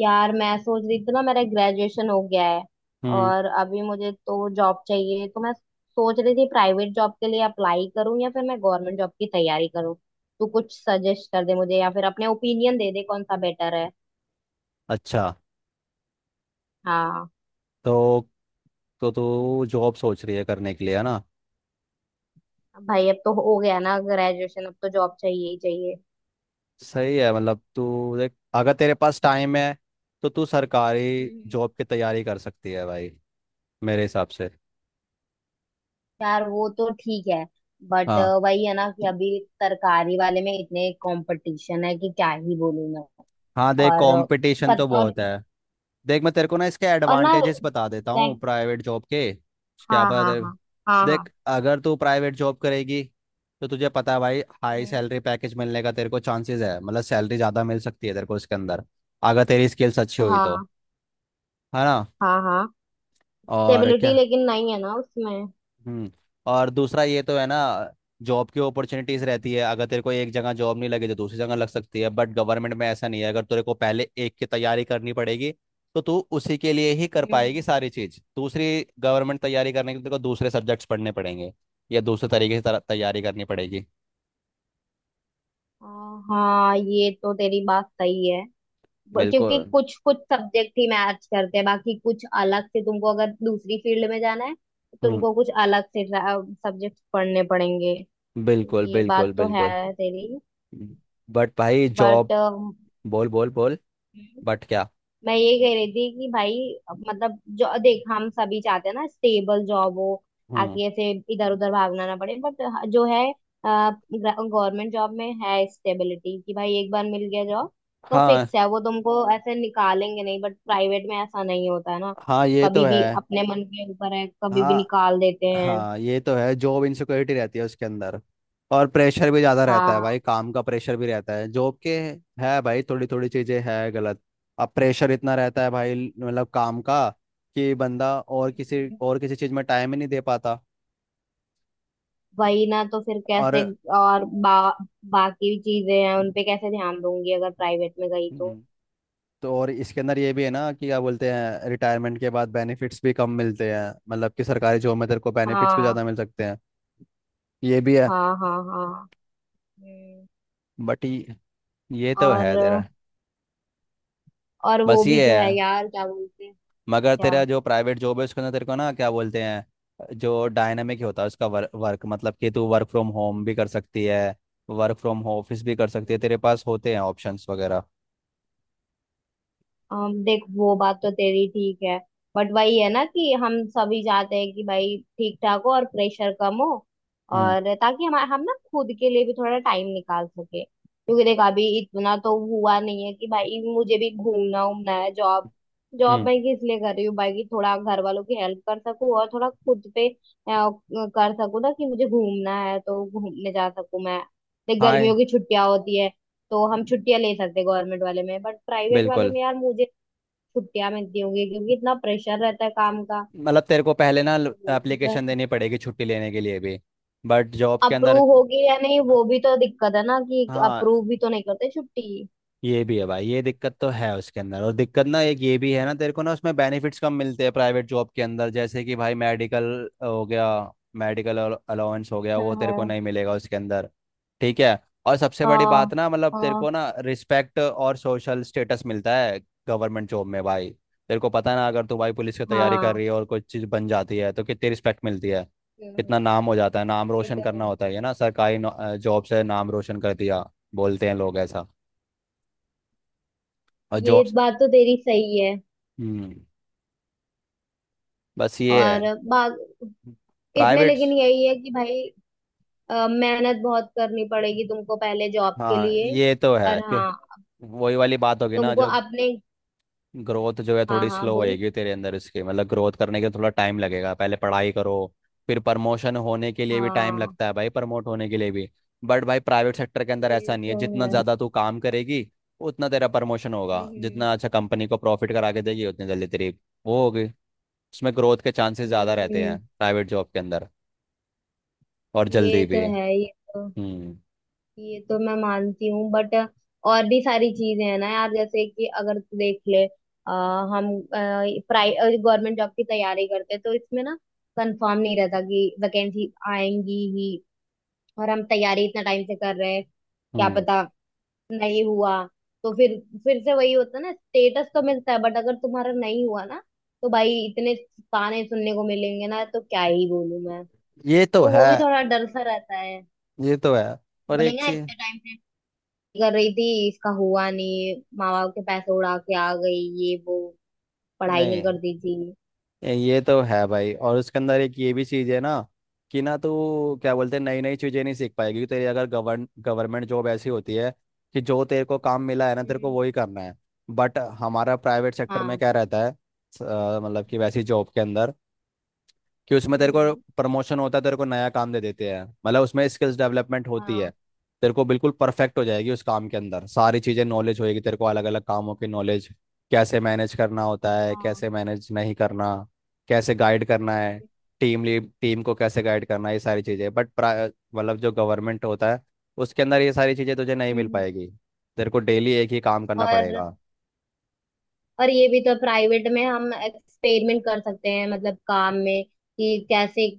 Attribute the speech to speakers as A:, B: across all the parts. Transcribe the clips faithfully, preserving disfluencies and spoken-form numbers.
A: यार मैं सोच रही थी ना मेरा ग्रेजुएशन हो गया है।
B: हम्म।
A: और अभी मुझे तो जॉब चाहिए, तो मैं सोच रही थी प्राइवेट जॉब के लिए अप्लाई करूं या फिर मैं गवर्नमेंट जॉब की तैयारी करूं। तू कुछ सजेस्ट कर दे मुझे या फिर अपने ओपिनियन दे दे कौन सा बेटर है।
B: अच्छा।
A: हाँ।
B: तो तो तू जॉब सोच रही है करने के लिए है ना।
A: भाई अब तो हो गया ना ग्रेजुएशन, अब तो जॉब चाहिए ही चाहिए।
B: सही है। मतलब तू देख, अगर तेरे पास टाइम है तो तू सरकारी
A: हम्म।
B: जॉब की तैयारी कर सकती है भाई, मेरे हिसाब से।
A: यार वो तो ठीक है, बट
B: हाँ
A: वही है ना कि अभी सरकारी वाले में इतने कंपटीशन है कि क्या ही बोलूं मैं।
B: हाँ, देख
A: और
B: कंपटीशन
A: पत,
B: तो
A: और
B: बहुत है। देख मैं तेरे को ना इसके
A: और ना
B: एडवांटेजेस बता देता हूँ
A: like।
B: प्राइवेट जॉब के। क्या
A: हाँ
B: पता
A: हाँ
B: तेरे।
A: हाँ। हाँ हाँ।
B: देख अगर तू प्राइवेट जॉब करेगी तो तुझे पता है भाई, हाई
A: हम्म।
B: सैलरी पैकेज मिलने का तेरे को चांसेस है, मतलब सैलरी ज़्यादा मिल सकती है तेरे को इसके अंदर, अगर तेरी स्किल्स अच्छी हुई तो।
A: हाँ
B: है ना।
A: हाँ। हाँ
B: और
A: स्टेबिलिटी
B: क्या।
A: लेकिन नहीं है ना उसमें।
B: हम्म। और दूसरा ये तो है ना, जॉब की अपॉर्चुनिटीज रहती है। अगर तेरे को एक जगह जॉब नहीं लगी तो दूसरी जगह लग सकती है, बट गवर्नमेंट में ऐसा नहीं है। अगर तेरे को पहले एक की तैयारी करनी पड़ेगी तो तू उसी के लिए ही कर पाएगी
A: हम्म।
B: सारी चीज़। दूसरी गवर्नमेंट तैयारी करने के लिए तेरे को दूसरे सब्जेक्ट्स पढ़ने पड़ेंगे, या दूसरे तरीके से तर- तैयारी करनी पड़ेगी।
A: आ, हाँ ये तो तेरी बात सही है। ब- क्योंकि
B: बिल्कुल।
A: कुछ कुछ सब्जेक्ट ही मैच करते हैं, बाकी कुछ अलग से तुमको अगर दूसरी फील्ड में जाना है तो
B: हम्म।
A: तुमको कुछ अलग से सब्जेक्ट पढ़ने पड़ेंगे।
B: बिल्कुल
A: ये
B: बिल्कुल
A: बात तो
B: बिल्कुल।
A: है तेरी।
B: बट भाई जॉब।
A: बट
B: बोल बोल बोल। बट क्या।
A: मैं ये कह रही थी कि भाई, मतलब जो देख हम सभी चाहते हैं ना स्टेबल जॉब हो,
B: हम्म।
A: ताकि ऐसे इधर उधर भागना ना पड़े। बट जो है गवर्नमेंट जॉब में है स्टेबिलिटी कि भाई एक बार मिल गया जॉब तो
B: हाँ
A: फिक्स है, वो तुमको ऐसे निकालेंगे नहीं, बट प्राइवेट में ऐसा नहीं होता है ना।
B: हाँ, ये तो
A: कभी भी
B: है।
A: अपने मन के ऊपर है, कभी भी
B: हाँ
A: निकाल देते हैं।
B: हाँ, ये तो है। जॉब इनसिक्योरिटी रहती है उसके अंदर, और प्रेशर भी ज़्यादा रहता है
A: हाँ।
B: भाई, काम का प्रेशर भी रहता है जॉब के। है भाई, थोड़ी थोड़ी चीज़ें है गलत। अब प्रेशर इतना रहता है भाई, मतलब काम का, कि बंदा और किसी
A: हम्म।
B: और किसी चीज़ में टाइम ही नहीं दे पाता।
A: वही ना, तो फिर
B: और
A: कैसे और बा, बाकी चीजें हैं उनपे कैसे ध्यान दूंगी अगर प्राइवेट में गई तो।
B: हम्म, तो और इसके अंदर ये भी है ना कि क्या बोलते हैं, रिटायरमेंट के बाद बेनिफिट्स भी कम मिलते हैं। मतलब कि सरकारी जॉब में तेरे को बेनिफिट्स भी
A: हाँ
B: ज़्यादा मिल सकते हैं। ये भी है।
A: हाँ। हाँ हाँ। हम्म।
B: बट ये ये तो है
A: और
B: तेरा।
A: और वो
B: बस ये
A: भी तो है
B: है।
A: यार क्या बोलते हैं।
B: मगर
A: क्या
B: तेरा जो प्राइवेट जॉब है उसके अंदर तेरे को ना, क्या बोलते हैं, जो डायनामिक होता है उसका वर्क वर्क, मतलब कि तू वर्क फ्रॉम होम भी कर सकती है, वर्क फ्रॉम ऑफिस भी कर सकती है। तेरे पास होते हैं ऑप्शंस वगैरह।
A: अम, देख वो बात तो तेरी ठीक है, बट वही है ना कि हम सभी चाहते हैं कि भाई ठीक ठाक हो और प्रेशर कम हो,
B: हम्म।
A: और ताकि हम हम ना खुद के लिए भी थोड़ा टाइम निकाल सके, क्योंकि देख अभी इतना तो हुआ नहीं है कि भाई मुझे भी घूमना उमना है। जॉब, जॉब
B: हम्म।
A: मैं किस लिए कर रही हूँ भाई, कि थोड़ा घर वालों की हेल्प कर सकूँ और थोड़ा खुद पे अ, कर सकूँ, ना कि मुझे घूमना है तो घूमने जा सकूँ मैं। देख
B: हाय।
A: गर्मियों की छुट्टियां होती है, तो हम छुट्टियां ले सकते गवर्नमेंट वाले में, बट प्राइवेट वाले
B: बिल्कुल।
A: में यार मुझे छुट्टियां मिलती होंगी क्योंकि इतना प्रेशर रहता है काम का।
B: मतलब तेरे को पहले ना
A: वो भी तो
B: एप्लीकेशन
A: है।
B: देनी पड़ेगी छुट्टी लेने के लिए भी, बट जॉब के अंदर।
A: अप्रूव होगी या नहीं, वो भी तो दिक्कत है ना, कि
B: हाँ,
A: अप्रूव भी तो नहीं करते छुट्टी।
B: ये भी है भाई, ये दिक्कत तो है उसके अंदर। और दिक्कत ना एक ये भी है ना, तेरे को ना उसमें बेनिफिट्स कम मिलते हैं प्राइवेट जॉब के अंदर, जैसे कि भाई मेडिकल हो गया, मेडिकल अलाउंस हो गया,
A: हाँ
B: वो तेरे को
A: हाँ।
B: नहीं मिलेगा उसके अंदर। ठीक है। और सबसे बड़ी
A: हाँ
B: बात ना, मतलब तेरे
A: हाँ।
B: को ना रिस्पेक्ट और सोशल स्टेटस मिलता है गवर्नमेंट जॉब में भाई। तेरे को पता है ना, अगर तू भाई पुलिस की तैयारी कर
A: हाँ
B: रही है और कोई चीज़ बन जाती है तो कितनी रिस्पेक्ट मिलती है,
A: हम्म।
B: कितना नाम हो जाता है। नाम
A: ये तो
B: रोशन करना
A: है
B: होता है ये ना, सरकारी जॉब से नाम रोशन कर दिया, बोलते हैं लोग ऐसा। और
A: ये।
B: जॉब।
A: बात तो तेरी सही है।
B: हम्म। बस ये है।
A: और बात इसमें
B: प्राइवेट।
A: लेकिन यही है कि भाई, अ, मेहनत बहुत करनी पड़ेगी तुमको पहले जॉब के
B: हाँ
A: लिए।
B: ये तो
A: और
B: है कि
A: हाँ,
B: वही वाली बात होगी ना,
A: तुमको
B: जो
A: अपने।
B: ग्रोथ जो है
A: हाँ
B: थोड़ी
A: हाँ
B: स्लो
A: बोल।
B: होएगी तेरे अंदर इसके, मतलब ग्रोथ करने के लिए थोड़ा टाइम लगेगा, पहले पढ़ाई करो, फिर प्रमोशन होने के लिए भी टाइम
A: हाँ
B: लगता है भाई, प्रमोट होने के लिए भी। बट भाई प्राइवेट सेक्टर के अंदर
A: ये
B: ऐसा नहीं है,
A: तो
B: जितना
A: है।
B: ज़्यादा तू काम करेगी उतना तेरा प्रमोशन होगा।
A: हम्म
B: जितना अच्छा कंपनी को प्रॉफिट करा के देगी उतनी जल्दी तेरी वो होगी। उसमें ग्रोथ के चांसेस ज़्यादा
A: हम्म
B: रहते हैं
A: हम्म।
B: प्राइवेट जॉब के अंदर, और जल्दी
A: ये तो
B: भी।
A: है ये तो।
B: हम्म
A: ये तो मैं मानती हूँ बट और भी सारी चीजें हैं ना यार, जैसे कि अगर तू देख ले अ, हम प्राइवेट गवर्नमेंट जॉब की तैयारी करते हैं तो इसमें ना कंफर्म नहीं रहता कि वैकेंसी आएंगी ही, और हम तैयारी इतना टाइम से कर रहे हैं, क्या
B: हम्म।
A: पता नहीं हुआ, तो फिर फिर से वही होता है ना, स्टेटस तो मिलता है बट अगर तुम्हारा नहीं हुआ ना तो भाई इतने ताने सुनने को मिलेंगे ना, तो क्या ही बोलूं मैं,
B: ये तो
A: तो वो
B: है।
A: भी थोड़ा डर सा रहता है।
B: ये तो है। पर एक
A: बोलेंगे ना
B: चीज।
A: इतने टाइम से कर रही थी, इसका हुआ नहीं, माँ बाप के पैसे उड़ा के आ गई, ये वो पढ़ाई नहीं
B: नहीं।
A: करती थी।
B: ये तो है भाई। और उसके अंदर एक ये भी चीज है ना, कि ना तू, क्या बोलते हैं, नई नई चीजें नहीं सीख पाएगी। क्योंकि तेरी अगर गवर्न गवर्नमेंट जॉब ऐसी होती है कि जो तेरे को काम मिला है ना, तेरे को
A: हम्म।
B: वही करना है। बट हमारा प्राइवेट सेक्टर में
A: हाँ
B: क्या रहता है, स- अ, मतलब कि वैसी जॉब के अंदर, कि उसमें तेरे को
A: हम्म।
B: प्रमोशन होता है, तेरे को नया काम दे देते हैं, मतलब उसमें स्किल्स डेवलपमेंट होती है।
A: हाँ
B: तेरे को बिल्कुल परफेक्ट हो जाएगी उस काम के अंदर सारी चीज़ें, नॉलेज होएगी तेरे को अलग अलग कामों की नॉलेज, कैसे मैनेज करना होता है,
A: हाँ।
B: कैसे मैनेज नहीं करना, कैसे गाइड करना है, टीम लीड, टीम को कैसे गाइड करना है, ये सारी चीज़ें। बट मतलब जो गवर्नमेंट होता है उसके अंदर ये सारी चीज़ें तुझे नहीं मिल
A: हम्म।
B: पाएगी। तेरे को डेली एक ही काम करना
A: और
B: पड़ेगा।
A: और ये भी तो प्राइवेट में हम एक्सपेरिमेंट कर सकते हैं, मतलब काम में कि कैसे अ,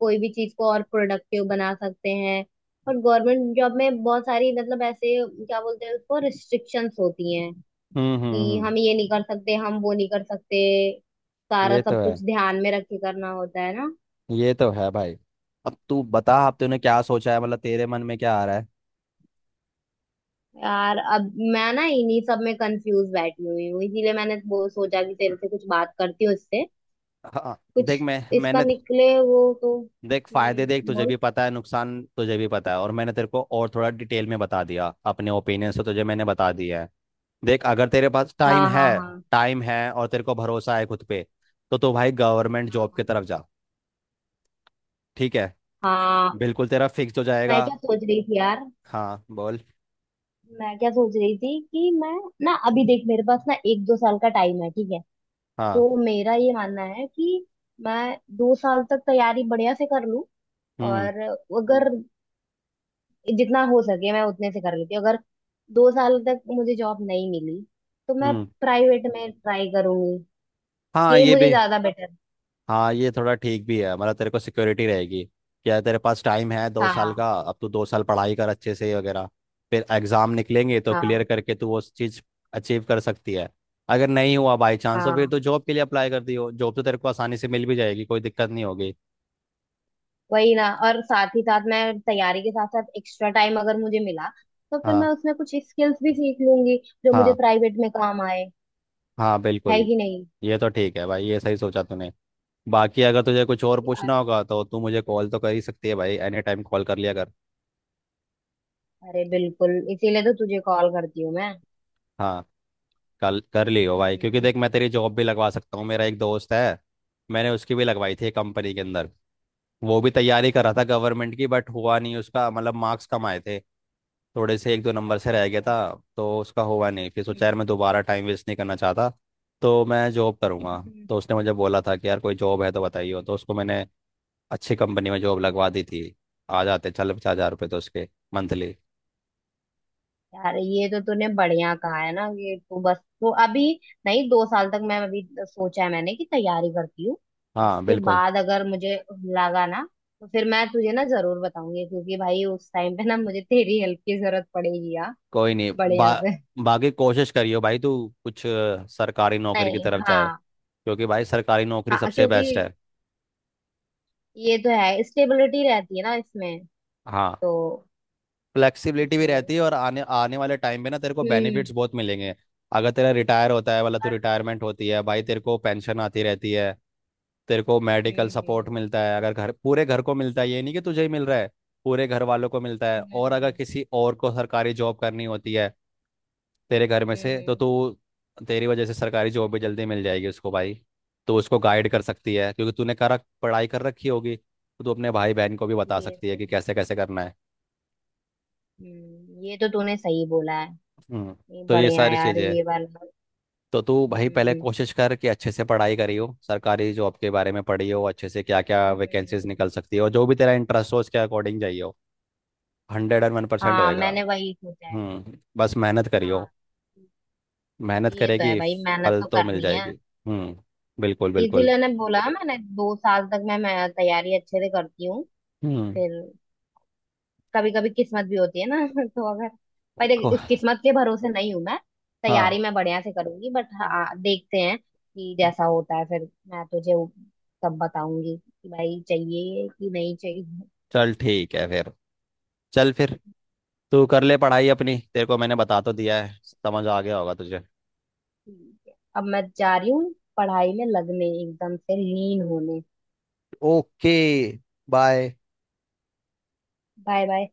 A: कोई भी चीज को और प्रोडक्टिव बना सकते हैं। और गवर्नमेंट जॉब में बहुत सारी, मतलब ऐसे क्या बोलते हैं उसको, रिस्ट्रिक्शंस होती हैं
B: हम्म हम्म
A: कि
B: हम्म।
A: हम ये नहीं कर सकते, हम वो नहीं कर सकते, सारा
B: ये तो
A: सब
B: है।
A: कुछ ध्यान में रख के करना होता है ना।
B: ये तो है भाई। अब तू बता, अब तूने क्या सोचा है, मतलब तेरे मन में क्या आ रहा है।
A: यार अब मैं ना इन्हीं सब में कंफ्यूज बैठी हुई हूँ, इसीलिए मैंने वो सोचा कि तेरे से कुछ बात करती हूँ, इससे
B: हाँ।
A: कुछ
B: देख मैं
A: इसका
B: मैंने
A: निकले वो तो।
B: देख फायदे देख,
A: हम्म
B: तुझे
A: बोल।
B: भी पता है नुकसान तुझे भी पता है, और मैंने तेरे को और थोड़ा डिटेल में बता दिया अपने ओपिनियन से, तुझे मैंने बता दिया है। देख अगर तेरे पास टाइम
A: हाँ
B: है,
A: हाँ हाँ।
B: टाइम है और तेरे को भरोसा है खुद पे, तो तू भाई गवर्नमेंट जॉब की
A: हाँ
B: तरफ जा। ठीक है,
A: हाँ।
B: बिल्कुल तेरा फिक्स हो
A: मैं
B: जाएगा।
A: क्या सोच रही थी यार,
B: हाँ बोल।
A: मैं क्या सोच रही थी कि मैं ना अभी देख मेरे पास ना एक दो साल का टाइम है, ठीक है।
B: हाँ।
A: तो मेरा ये मानना है कि मैं दो साल तक तैयारी बढ़िया से कर लूं,
B: हम्म।
A: और अगर जितना हो सके मैं उतने से कर लेती हूँ। अगर दो साल तक मुझे जॉब नहीं मिली तो मैं
B: हम्म।
A: प्राइवेट में ट्राई करूंगी।
B: हाँ,
A: ये
B: ये
A: मुझे
B: भी।
A: ज्यादा बेटर।
B: हाँ, ये थोड़ा ठीक भी है, मतलब तेरे को सिक्योरिटी रहेगी। क्या तेरे पास टाइम है दो साल
A: हाँ
B: का अब तू दो साल पढ़ाई कर अच्छे से वगैरह, फिर एग्जाम निकलेंगे तो क्लियर
A: हाँ
B: करके तू वो चीज़ अचीव कर सकती है। अगर नहीं हुआ बाई चांस तो फिर
A: हाँ।
B: तो जॉब के लिए अप्लाई कर दियो, जॉब तो तेरे को आसानी से मिल भी जाएगी, कोई दिक्कत नहीं होगी।
A: वही ना, और साथ ही साथ मैं तैयारी के साथ साथ एक्स्ट्रा टाइम अगर मुझे मिला तो फिर
B: हाँ
A: मैं उसमें कुछ स्किल्स भी सीख लूंगी जो मुझे
B: हाँ
A: प्राइवेट में काम आए।
B: हाँ
A: है
B: बिल्कुल।
A: कि नहीं।
B: ये तो ठीक है भाई, ये सही सोचा तूने। बाकी अगर तुझे कुछ और
A: अ-
B: पूछना होगा तो तू मुझे कॉल तो कर ही सकती है भाई, एनी टाइम कॉल कर लिया कर।
A: अरे बिल्कुल, इसीलिए तो तुझे कॉल करती हूँ मैं।
B: हाँ, कल कर लियो भाई, क्योंकि
A: हम्म।
B: देख मैं तेरी जॉब भी लगवा सकता हूँ। मेरा एक दोस्त है, मैंने उसकी भी लगवाई थी कंपनी के अंदर। वो भी तैयारी कर रहा था
A: अच्छा
B: गवर्नमेंट की, बट हुआ नहीं उसका, मतलब मार्क्स कम आए थे, थोड़े से एक दो नंबर से
A: अच्छा
B: रह गया था।
A: अच्छा।
B: तो उसका हुआ नहीं, फिर सोचा यार मैं
A: हम्म
B: दोबारा टाइम वेस्ट नहीं करना चाहता, तो मैं जॉब करूँगा।
A: हम्म।
B: तो उसने मुझे बोला था कि यार कोई जॉब है तो बताइए, तो उसको मैंने अच्छी कंपनी में जॉब लगवा दी थी। आ जाते चल पचास हज़ार रुपये तो उसके, मंथली।
A: यार ये तो तूने बढ़िया कहा है ना कि तू बस तू अभी। नहीं, दो साल तक मैं अभी सोचा है मैंने कि तैयारी करती हूँ,
B: हाँ
A: उसके
B: बिल्कुल।
A: बाद अगर मुझे लगा ना तो फिर मैं तुझे ना जरूर बताऊंगी, क्योंकि भाई उस टाइम पे ना मुझे तेरी हेल्प की जरूरत पड़ेगी यार।
B: कोई नहीं
A: बढ़िया
B: बा,
A: से।
B: बाकी कोशिश करियो भाई, तू कुछ अ, सरकारी नौकरी की
A: नहीं
B: तरफ जाए,
A: हाँ।
B: क्योंकि भाई सरकारी नौकरी
A: हाँ
B: सबसे
A: क्योंकि
B: बेस्ट है।
A: ये तो है, स्टेबिलिटी रहती है ना इसमें,
B: हाँ।
A: तो
B: फ्लेक्सिबिलिटी भी रहती
A: इसीलिए।
B: है, और आने आने वाले टाइम पे ना तेरे को
A: हम्म।
B: बेनिफिट्स बहुत मिलेंगे। अगर तेरा रिटायर होता है वाला तो
A: और।
B: रिटायरमेंट होती है भाई, तेरे को पेंशन आती रहती है, तेरे को मेडिकल
A: हम्म
B: सपोर्ट
A: हम्म
B: मिलता है, अगर घर, पूरे घर को मिलता है, ये नहीं कि तुझे ही मिल रहा है, पूरे घर वालों को मिलता है।
A: हम्म।
B: और अगर
A: हम्म।
B: किसी और को सरकारी जॉब करनी होती है तेरे घर में
A: हम्म, हम्म,
B: से, तो
A: हम्म।
B: तू, तेरी वजह से सरकारी जॉब भी जल्दी मिल जाएगी उसको भाई। तो उसको गाइड कर सकती है, क्योंकि तूने करा पढ़ाई कर रखी होगी तो तू अपने भाई बहन को भी बता
A: ये
B: सकती है
A: तो
B: कि
A: है।
B: कैसे कैसे करना है।
A: हम्म ये तो तूने सही बोला है।
B: हम्म।
A: ये
B: तो ये
A: बढ़िया
B: सारी
A: यार
B: चीज़ें हैं।
A: ये वाला।
B: तो तू भाई पहले
A: हम्म
B: कोशिश कर कि अच्छे से पढ़ाई करी हो सरकारी जॉब के बारे में, पढ़ी हो अच्छे से क्या क्या
A: हम्म
B: वैकेंसीज
A: हम्म।
B: निकल सकती है, और जो भी तेरा इंटरेस्ट हो उसके अकॉर्डिंग जाइए हो। हंड्रेड एंड वन परसेंट
A: हाँ
B: होएगा।
A: मैंने वही सोचा है।
B: हम्म, बस मेहनत करियो।
A: हाँ।
B: मेहनत
A: ये तो है
B: करेगी,
A: भाई, मेहनत
B: फल
A: तो
B: तो मिल
A: करनी है।
B: जाएगी। हम्म। बिल्कुल बिल्कुल।
A: इसीलिए ने बोला है मैंने दो साल तक मैं, मैं तैयारी अच्छे से करती हूँ,
B: हम्म।
A: फिर कभी कभी किस्मत भी होती है ना तो अगर, पर देख,
B: को-
A: इस किस्मत के भरोसे नहीं हूँ मैं।
B: हाँ।
A: तैयारी मैं बढ़िया से करूंगी, बट हाँ देखते हैं कि जैसा होता है फिर मैं तुझे वो तब बताऊंगी कि भाई चाहिए कि नहीं चाहिए।
B: चल ठीक है फिर। चल फिर तू कर ले पढ़ाई अपनी। तेरे को मैंने बता तो दिया है, समझ आ गया होगा तुझे।
A: ठीक है, अब मैं जा रही हूँ पढ़ाई में लगने, एकदम से लीन होने।
B: ओके। बाय।
A: Bye bye.